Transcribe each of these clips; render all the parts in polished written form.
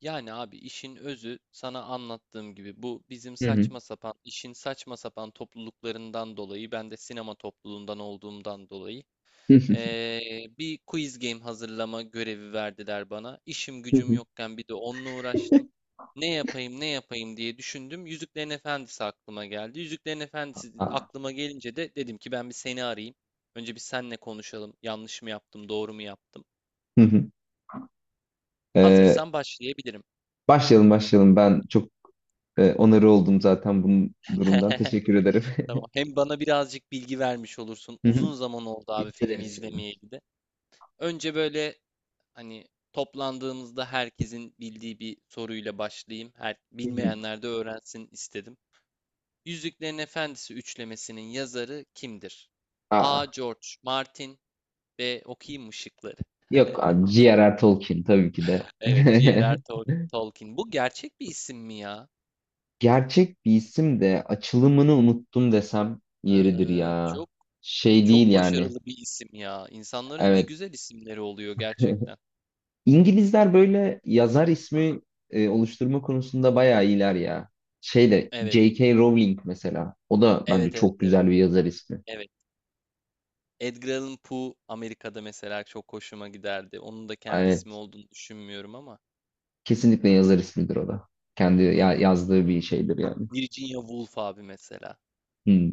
Yani abi işin özü sana anlattığım gibi bu bizim Hı hı. saçma sapan işin saçma sapan topluluklarından dolayı ben de sinema topluluğundan olduğumdan dolayı Hı hı. Bir quiz game hazırlama görevi verdiler bana. İşim Hı gücüm hı. yokken bir de onunla uğraştım. Ne yapayım ne yapayım diye düşündüm. Yüzüklerin Efendisi aklıma geldi. Yüzüklerin Efendisi Ha, aklıma gelince de dedim ki ben bir seni arayayım. Önce bir senle konuşalım. Yanlış mı yaptım, doğru mu yaptım? hı hı. Ee, Hazırsan başlayabilirim. başlayalım, başlayalım. Ben çok onarı oldum zaten bunun durumdan. Teşekkür ederim. Tamam. Hem bana birazcık bilgi vermiş olursun. Hı hı. Uzun zaman oldu abi filmi Dikkat şimdi. izlemeyeli de. Önce böyle hani toplandığımızda herkesin bildiği bir soruyla başlayayım. Hı hı. Bilmeyenler de öğrensin istedim. Yüzüklerin Efendisi üçlemesinin yazarı kimdir? A. Aa, George Martin, B. Okuyayım Işıkları. Yok abi, J.R.R. Tolkien tabii ki de. Evet, J.R.R. Tolkien. Bu gerçek bir isim mi ya? Gerçek bir isim de açılımını unuttum desem yeridir Ee, ya. Çok Şey değil çok yani. başarılı bir isim ya. İnsanların ne Evet. güzel isimleri oluyor gerçekten. İngilizler böyle yazar ismi oluşturma konusunda bayağı iyiler ya. Şey de Evet. J.K. Rowling mesela. O da bence Evet, evet, çok evet, güzel bir yazar ismi. evet. Edgar Allan Poe Amerika'da mesela çok hoşuma giderdi. Onun da kendi ismi Evet. olduğunu düşünmüyorum ama. Kesinlikle yazar ismidir o da. Kendi Hı hı. yazdığı bir şeydir yani. Virginia Woolf abi mesela. Hmm.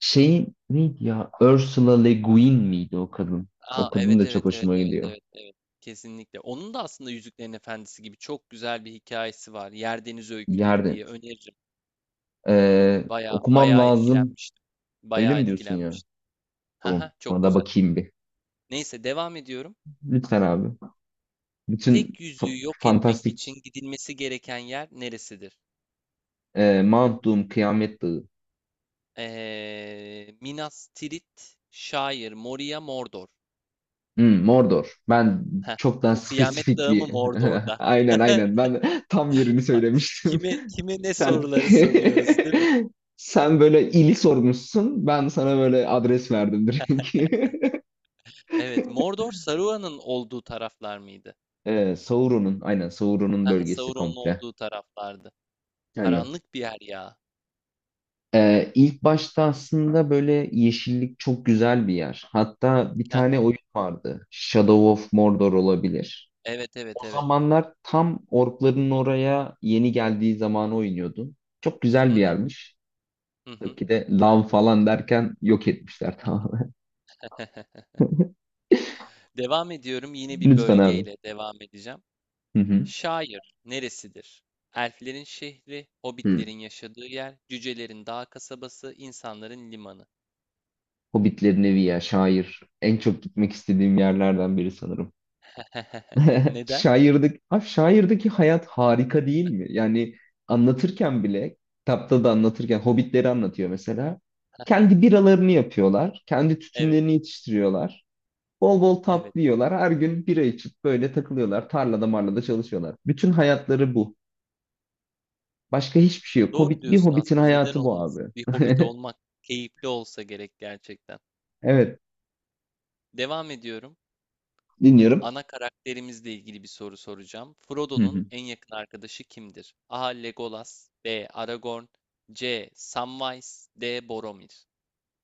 Şey neydi ya? Ursula Le Guin miydi o kadın? Aa, O kadın evet, da çok evet, evet, hoşuma evet, gidiyor. evet, evet. Kesinlikle. Onun da aslında Yüzüklerin Efendisi gibi çok güzel bir hikayesi var. Yerdeniz Öyküleri Yerde. diye öneririm. Ee, Baya Okumam baya lazım. etkilenmiştim. Öyle Baya mi diyorsun ya? etkilenmiştim. Tamam. Haha, çok Ona da güzel. bakayım bir. Neyse, devam ediyorum. Lütfen abi. Bütün Tek yüzüğü yok etmek fantastik. için gidilmesi gereken yer neresidir? Mount Doom, Kıyamet Dağı. Minas Tirith, şair, Moria, Mordor. Hmm, Mordor. Ben çok daha Bu Kıyamet spesifik Dağı mı bir... Mordor'da? Aynen, aynen. Ben tam yerini söylemiştim. Kime kime ne Sen soruları soruyoruz, değil mi? sen böyle ili sormuşsun. Ben sana böyle adres verdim direkt. Evet, Mordor Saruman'ın olduğu taraflar mıydı? Sauron'un, aynen, Sauron'un Hı hı, bölgesi Sauron'un komple. olduğu taraflardı. Aynen. Karanlık bir yer ya. İlk başta aslında böyle yeşillik çok güzel bir yer. Hatta bir tane Hı. oyun vardı. Shadow of Mordor olabilir. Evet, O evet, evet. zamanlar tam orkların oraya yeni geldiği zamanı oynuyordum. Çok Hı güzel bir hı, yermiş. hı Tabii hı, ki de lav falan derken yok etmişler hı tamamen. hı. Devam ediyorum, yine bir Lütfen abi. bölgeyle devam edeceğim. Hı hı. Şair neresidir? Elflerin şehri, Hı. hobbitlerin yaşadığı yer, cücelerin dağ kasabası, insanların limanı. Hobbitlerin evi ya şair. En çok gitmek istediğim yerlerden biri sanırım. Neden? Şairdeki, abi, şairdeki hayat harika değil mi? Yani anlatırken bile, kitapta da anlatırken Hobbitleri anlatıyor mesela. Kendi biralarını yapıyorlar. Kendi Evet, tütünlerini yetiştiriyorlar. Bol bol evet. tatlı yiyorlar. Her gün bira içip böyle takılıyorlar. Tarlada marlada çalışıyorlar. Bütün hayatları bu. Başka hiçbir şey yok. Doğru Hobbit, bir diyorsun Hobbit'in aslında. Neden hayatı bu abi. olmasın? Bir hobbit olmak keyifli olsa gerek gerçekten. Evet, Devam ediyorum. dinliyorum. Ana karakterimizle ilgili bir soru soracağım. Hı Frodo'nun hı. en yakın arkadaşı kimdir? A. Legolas, B. Aragorn, C. Samwise, D. Boromir.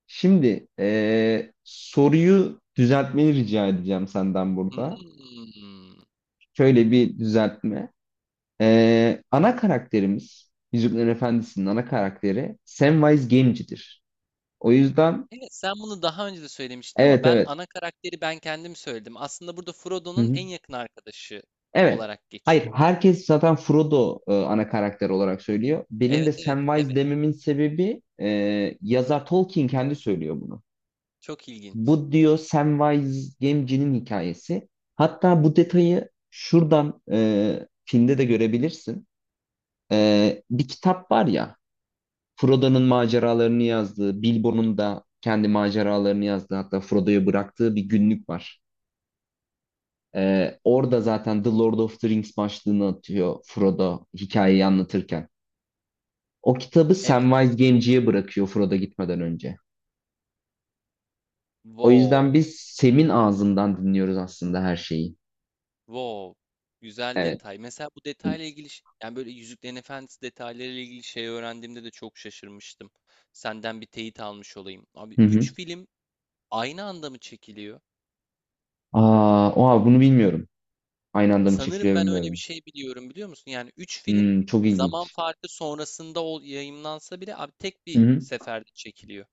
Şimdi soruyu düzeltmeni rica edeceğim senden burada. Hmm. Şöyle bir düzeltme. Ana karakterimiz, Yüzüklerin Efendisi'nin ana karakteri Samwise Gamgee'dir. O yüzden Evet, sen bunu daha önce de söylemiştin ama evet ben evet. ana karakteri ben kendim söyledim. Aslında burada Hı Frodo'nun hı. en yakın arkadaşı Evet. olarak Hayır, geçiyor. herkes zaten Frodo ana karakter olarak söylüyor. Benim Evet, de evet, Samwise evet. dememin sebebi yazar Tolkien kendi söylüyor bunu. Çok ilginç. Bu diyor Samwise Gamgee'nin hikayesi. Hatta bu detayı şuradan filmde de görebilirsin. Bir kitap var ya, Frodo'nun maceralarını yazdığı, Bilbo'nun da kendi maceralarını yazdığı, hatta Frodo'ya bıraktığı bir günlük var. Orada zaten The Lord of the Rings başlığını atıyor Frodo hikayeyi anlatırken. O kitabı Evet. Samwise Gamgee'ye bırakıyor Frodo gitmeden önce. O yüzden Wow. biz Sem'in ağzından dinliyoruz aslında her şeyi. Wow. Güzel Evet. detay. Mesela bu detayla ilgili yani böyle Yüzüklerin Efendisi detaylarıyla ilgili şey öğrendiğimde de çok şaşırmıştım. Senden bir teyit almış olayım. Abi Hı hı. 3 film aynı anda mı çekiliyor? Oha, bunu bilmiyorum. Aynı anda mı Sanırım çekiliyor ben öyle bir bilmiyorum. şey biliyorum, biliyor musun? Yani 3 film Hmm, çok zaman ilginç. farkı sonrasında yayımlansa bile abi tek Hı bir hı. seferde çekiliyor.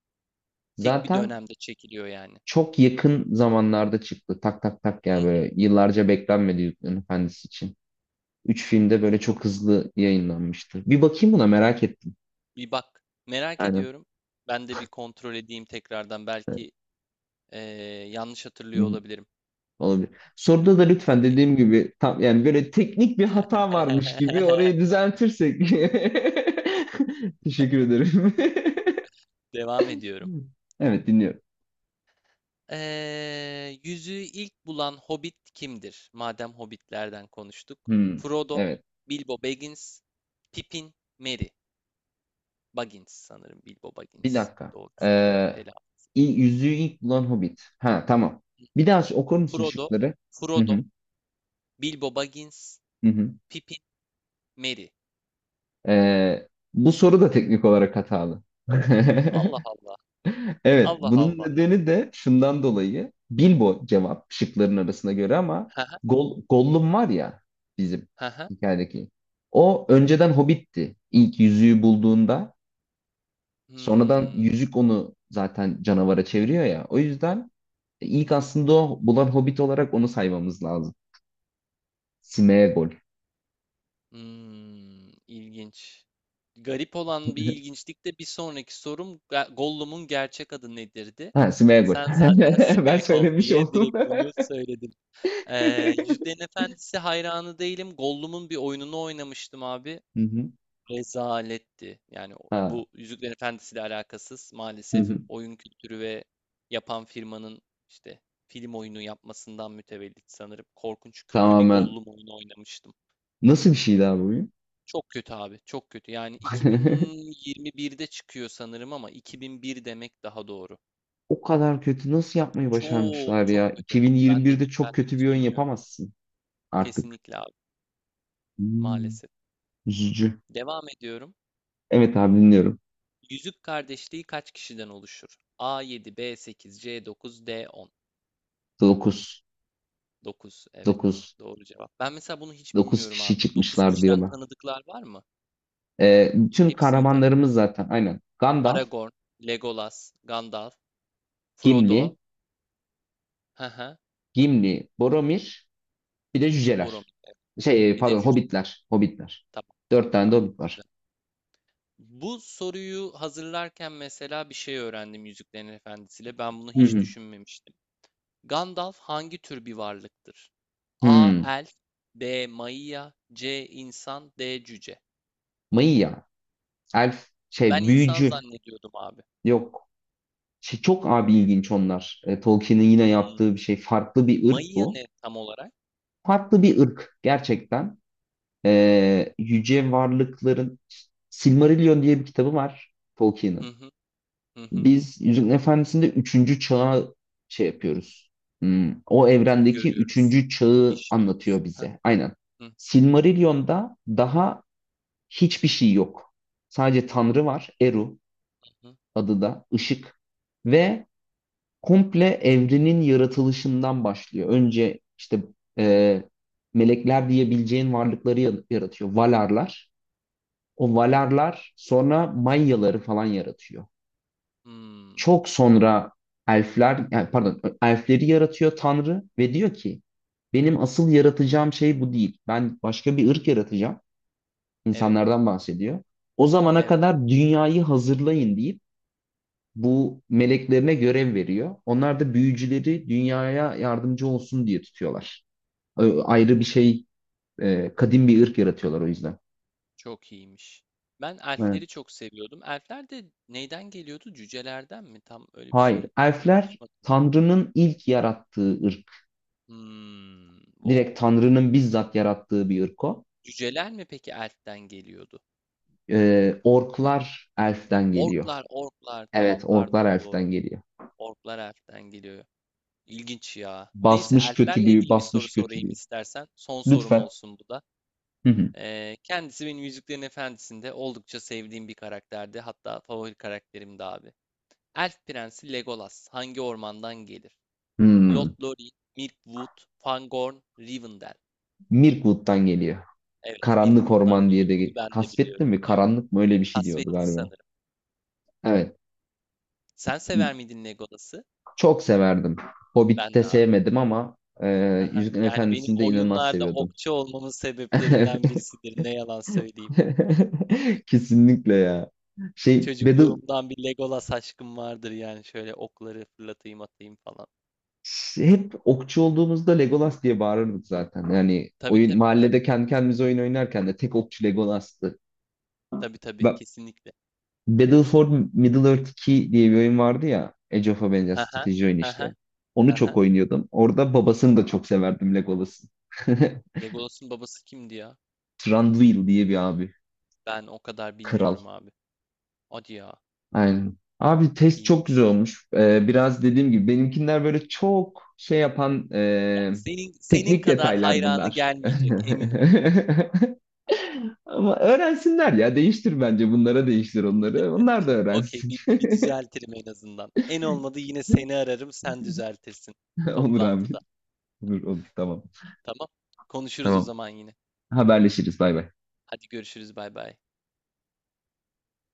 Tek bir Zaten dönemde çekiliyor yani. çok yakın zamanlarda çıktı. Tak tak tak, Hı yani hı, böyle yıllarca beklenmedi Yüzüklerin Efendisi için. Üç filmde böyle çok çok iyi. hızlı yayınlanmıştı. Bir bakayım buna, merak ettim. Bir bak. Merak Aynen. ediyorum. Ben de bir kontrol edeyim tekrardan. Belki eee, yanlış Hı hatırlıyor hı, olabilirim. olabilir. Soruda da lütfen Okey. dediğim gibi tam yani böyle teknik bir hata varmış gibi orayı düzeltirsek. Teşekkür ederim. Devam ediyorum. Evet, dinliyorum. Yüzüğü ilk bulan Hobbit kimdir? Madem Hobbitlerden konuştuk. Hmm, Frodo, evet. Bilbo Baggins, Pippin, Merry. Baggins sanırım. Bilbo Bir Baggins. dakika. Doğru. Ee, Telaffuz. Yüzüğü ilk bulan Hobbit. Ha, tamam. Bir daha okur musun Frodo. şıkları? Hı Frodo. hı, Bilbo Baggins. hı hı. Pippin. Merry. Ee, Bu soru da teknik olarak hatalı. Allah Allah. Evet, Allah bunun Allah. nedeni de şundan dolayı, Bilbo cevap şıkların arasına göre ama Haha, Gollum var ya bizim haha. hikayedeki. O önceden Hobbit'ti. İlk yüzüğü bulduğunda sonradan Hmm, yüzük onu zaten canavara çeviriyor ya. O yüzden ilk aslında o bulan Hobbit olarak onu saymamız lazım. Smeagol. İlginç. Garip olan bir ilginçlik de bir sonraki sorum Gollum'un gerçek adı nedirdi? Ha, Smeagol. Sen zaten Ben Smeagol söylemiş diye oldum. direkt bunu söyledin. Yüzüklerin Efendisi hayranı değilim. Gollum'un bir oyununu oynamıştım abi. Hı hı. Rezaletti. Yani Ha. bu Yüzüklerin Efendisi'yle alakasız Hı maalesef hı. oyun kültürü ve yapan firmanın işte film oyunu yapmasından mütevellit sanırım. Korkunç kötü bir Tamamen. Gollum oyunu oynamıştım. Nasıl bir şeydi abi bu oyun? Çok kötü abi, çok kötü. Yani 2021'de çıkıyor sanırım ama 2001 demek daha doğru. O kadar kötü nasıl yapmayı Çok başarmışlar çok ya? kötü. Ben de 2021'de ben çok de kötü bir hiç oyun bilmiyorum. yapamazsın artık. Kesinlikle abi, Hmm, maalesef. üzücü. Devam ediyorum. Evet abi, dinliyorum. Yüzük kardeşliği kaç kişiden oluşur? A7, B8, C9, D10. Dokuz Dokuz, evet. dokuz Doğru cevap. Ben mesela bunu hiç dokuz bilmiyorum kişi abi. Bu 9 çıkmışlar kişiden diyorlar. tanıdıklar var mı? Bütün Hepsi mi tanıdık? kahramanlarımız zaten, aynen. Gandalf, Aragorn, Legolas, Gandalf, Frodo, Gimli, hı hı, Gimli, Boromir, bir de cüceler. Boromir. Bir de pardon, cüce. Hobbitler. Tamam, Dört tane de tamam. hobbit Güzel. var. Bu soruyu hazırlarken mesela bir şey öğrendim Yüzüklerin Efendisi'yle. Ben bunu Hı hiç hı. düşünmemiştim. Gandalf hangi tür bir varlıktır? A. Hmm. Elf, B. Maia, C. İnsan, D. Cüce. Maya. Elf Ben şey insan büyücü. zannediyordum abi. Yok. Çok abi ilginç onlar. Tolkien'in yine Hmm. yaptığı bir şey. Farklı bir ırk Maia bu. ne tam olarak? Farklı bir ırk gerçekten. E, yüce varlıkların Silmarillion diye bir kitabı var Hı Tolkien'in. hı, hı hı. Biz Yüzüklerin Efendisi'nde üçüncü çağı şey yapıyoruz. Hmm, o evrendeki Görüyoruz, üçüncü çağı işliyoruz. anlatıyor Heh, bize. Aynen. hı Silmarillion'da daha hiçbir şey yok. Sadece Tanrı var. Eru hı hı. adı da. Işık. Ve komple evrenin yaratılışından başlıyor. Önce işte e, melekler diyebileceğin varlıkları yaratıyor. Valarlar. O Valarlar sonra Mayaları falan yaratıyor. Hımm. Çok sonra elfleri yaratıyor Tanrı ve diyor ki benim asıl yaratacağım şey bu değil. Ben başka bir ırk yaratacağım. Evet, İnsanlardan bahsediyor. O zamana evet. kadar dünyayı hazırlayın deyip bu meleklerine görev veriyor. Onlar da büyücüleri dünyaya yardımcı olsun diye tutuyorlar. Ö- Ayrı bir Çok şey, e, kadim bir ırk yaratıyorlar o yüzden. çok iyiymiş. Ben Evet. elfleri çok seviyordum. Elfler de neyden geliyordu? Cücelerden mi? Tam öyle bir şey, Hayır, elfler yanlış mı hatırlıyorum? Tanrı'nın ilk yarattığı ırk. Hımm. Direkt Wow. Tanrı'nın bizzat yarattığı bir ırk o. Cüceler mi peki elften geliyordu? Orklar elften geliyor. Orklar, orklar. Evet, Tamam, orklar pardon, doğru. elften geliyor. Orklar elften geliyor. İlginç ya. Neyse, Basmış elflerle kötülüğü, ilgili bir soru basmış sorayım kötülüğü. istersen. Son sorum Lütfen. olsun bu da. Hı hı. Kendisi benim Yüzüklerin Efendisi'nde oldukça sevdiğim bir karakterdi. Hatta favori karakterimdi abi. Elf Prensi Legolas hangi ormandan gelir? Hmm. Lothlórien, Mirkwood, Fangorn, Rivendell. Mirkwood'dan geliyor. Evet, Karanlık Mirkwood'dan Orman diye geliyor. de, Bunu ben de kasvetli biliyorum. mi Evet, karanlık mı öyle bir şey diyordu kasvetli galiba. sanırım. Evet. Sen sever miydin Legolas'ı? Çok severdim. Ben Hobbit'te de abi. sevmedim ama Aha, Yüzüklerin yani benim Efendisi'ni de inanılmaz oyunlarda seviyordum. okçu olmamın sebeplerinden birisidir. Ne yalan söyleyeyim. Kesinlikle ya. Şey Battle Çocukluğumdan bir Legolas aşkım vardır yani şöyle okları fırlatayım atayım falan. Hep okçu olduğumuzda Legolas diye bağırırdık zaten. Yani Tabii, oyun tabii, tabii. mahallede kendi kendimize oyun oynarken de tek okçu Legolas'tı. Tabii, tabii, Ben, kesinlikle. Battle for Middle-earth 2 diye bir oyun vardı ya. Age of Hı Avengers'a hı. strateji oyunu Hı hı. işte. Hı Onu çok hı. oynuyordum. Orada babasını da çok severdim Legolas'ın. Legolas'ın babası kimdi ya? Thranduil diye bir abi. Ben o kadar Kral. bilmiyorum abi. Hadi ya. Aynen. Abi test çok güzel İyiymiş. olmuş. Biraz dediğim gibi benimkiler böyle çok şey yapan Ya senin teknik kadar detaylar hayranı bunlar. gelmeyecek emin ol. Ama öğrensinler ya. Değiştir bence bunlara değiştir onları. Onlar da Okey, öğrensin. bir düzeltirim en azından. En olmadı yine seni ararım, sen düzeltirsin Olur abi. toplantıda. Olur, olur, tamam. Tamam. Konuşuruz o Tamam. zaman yine. Haberleşiriz. Bay bay. Hadi görüşürüz, bay bay.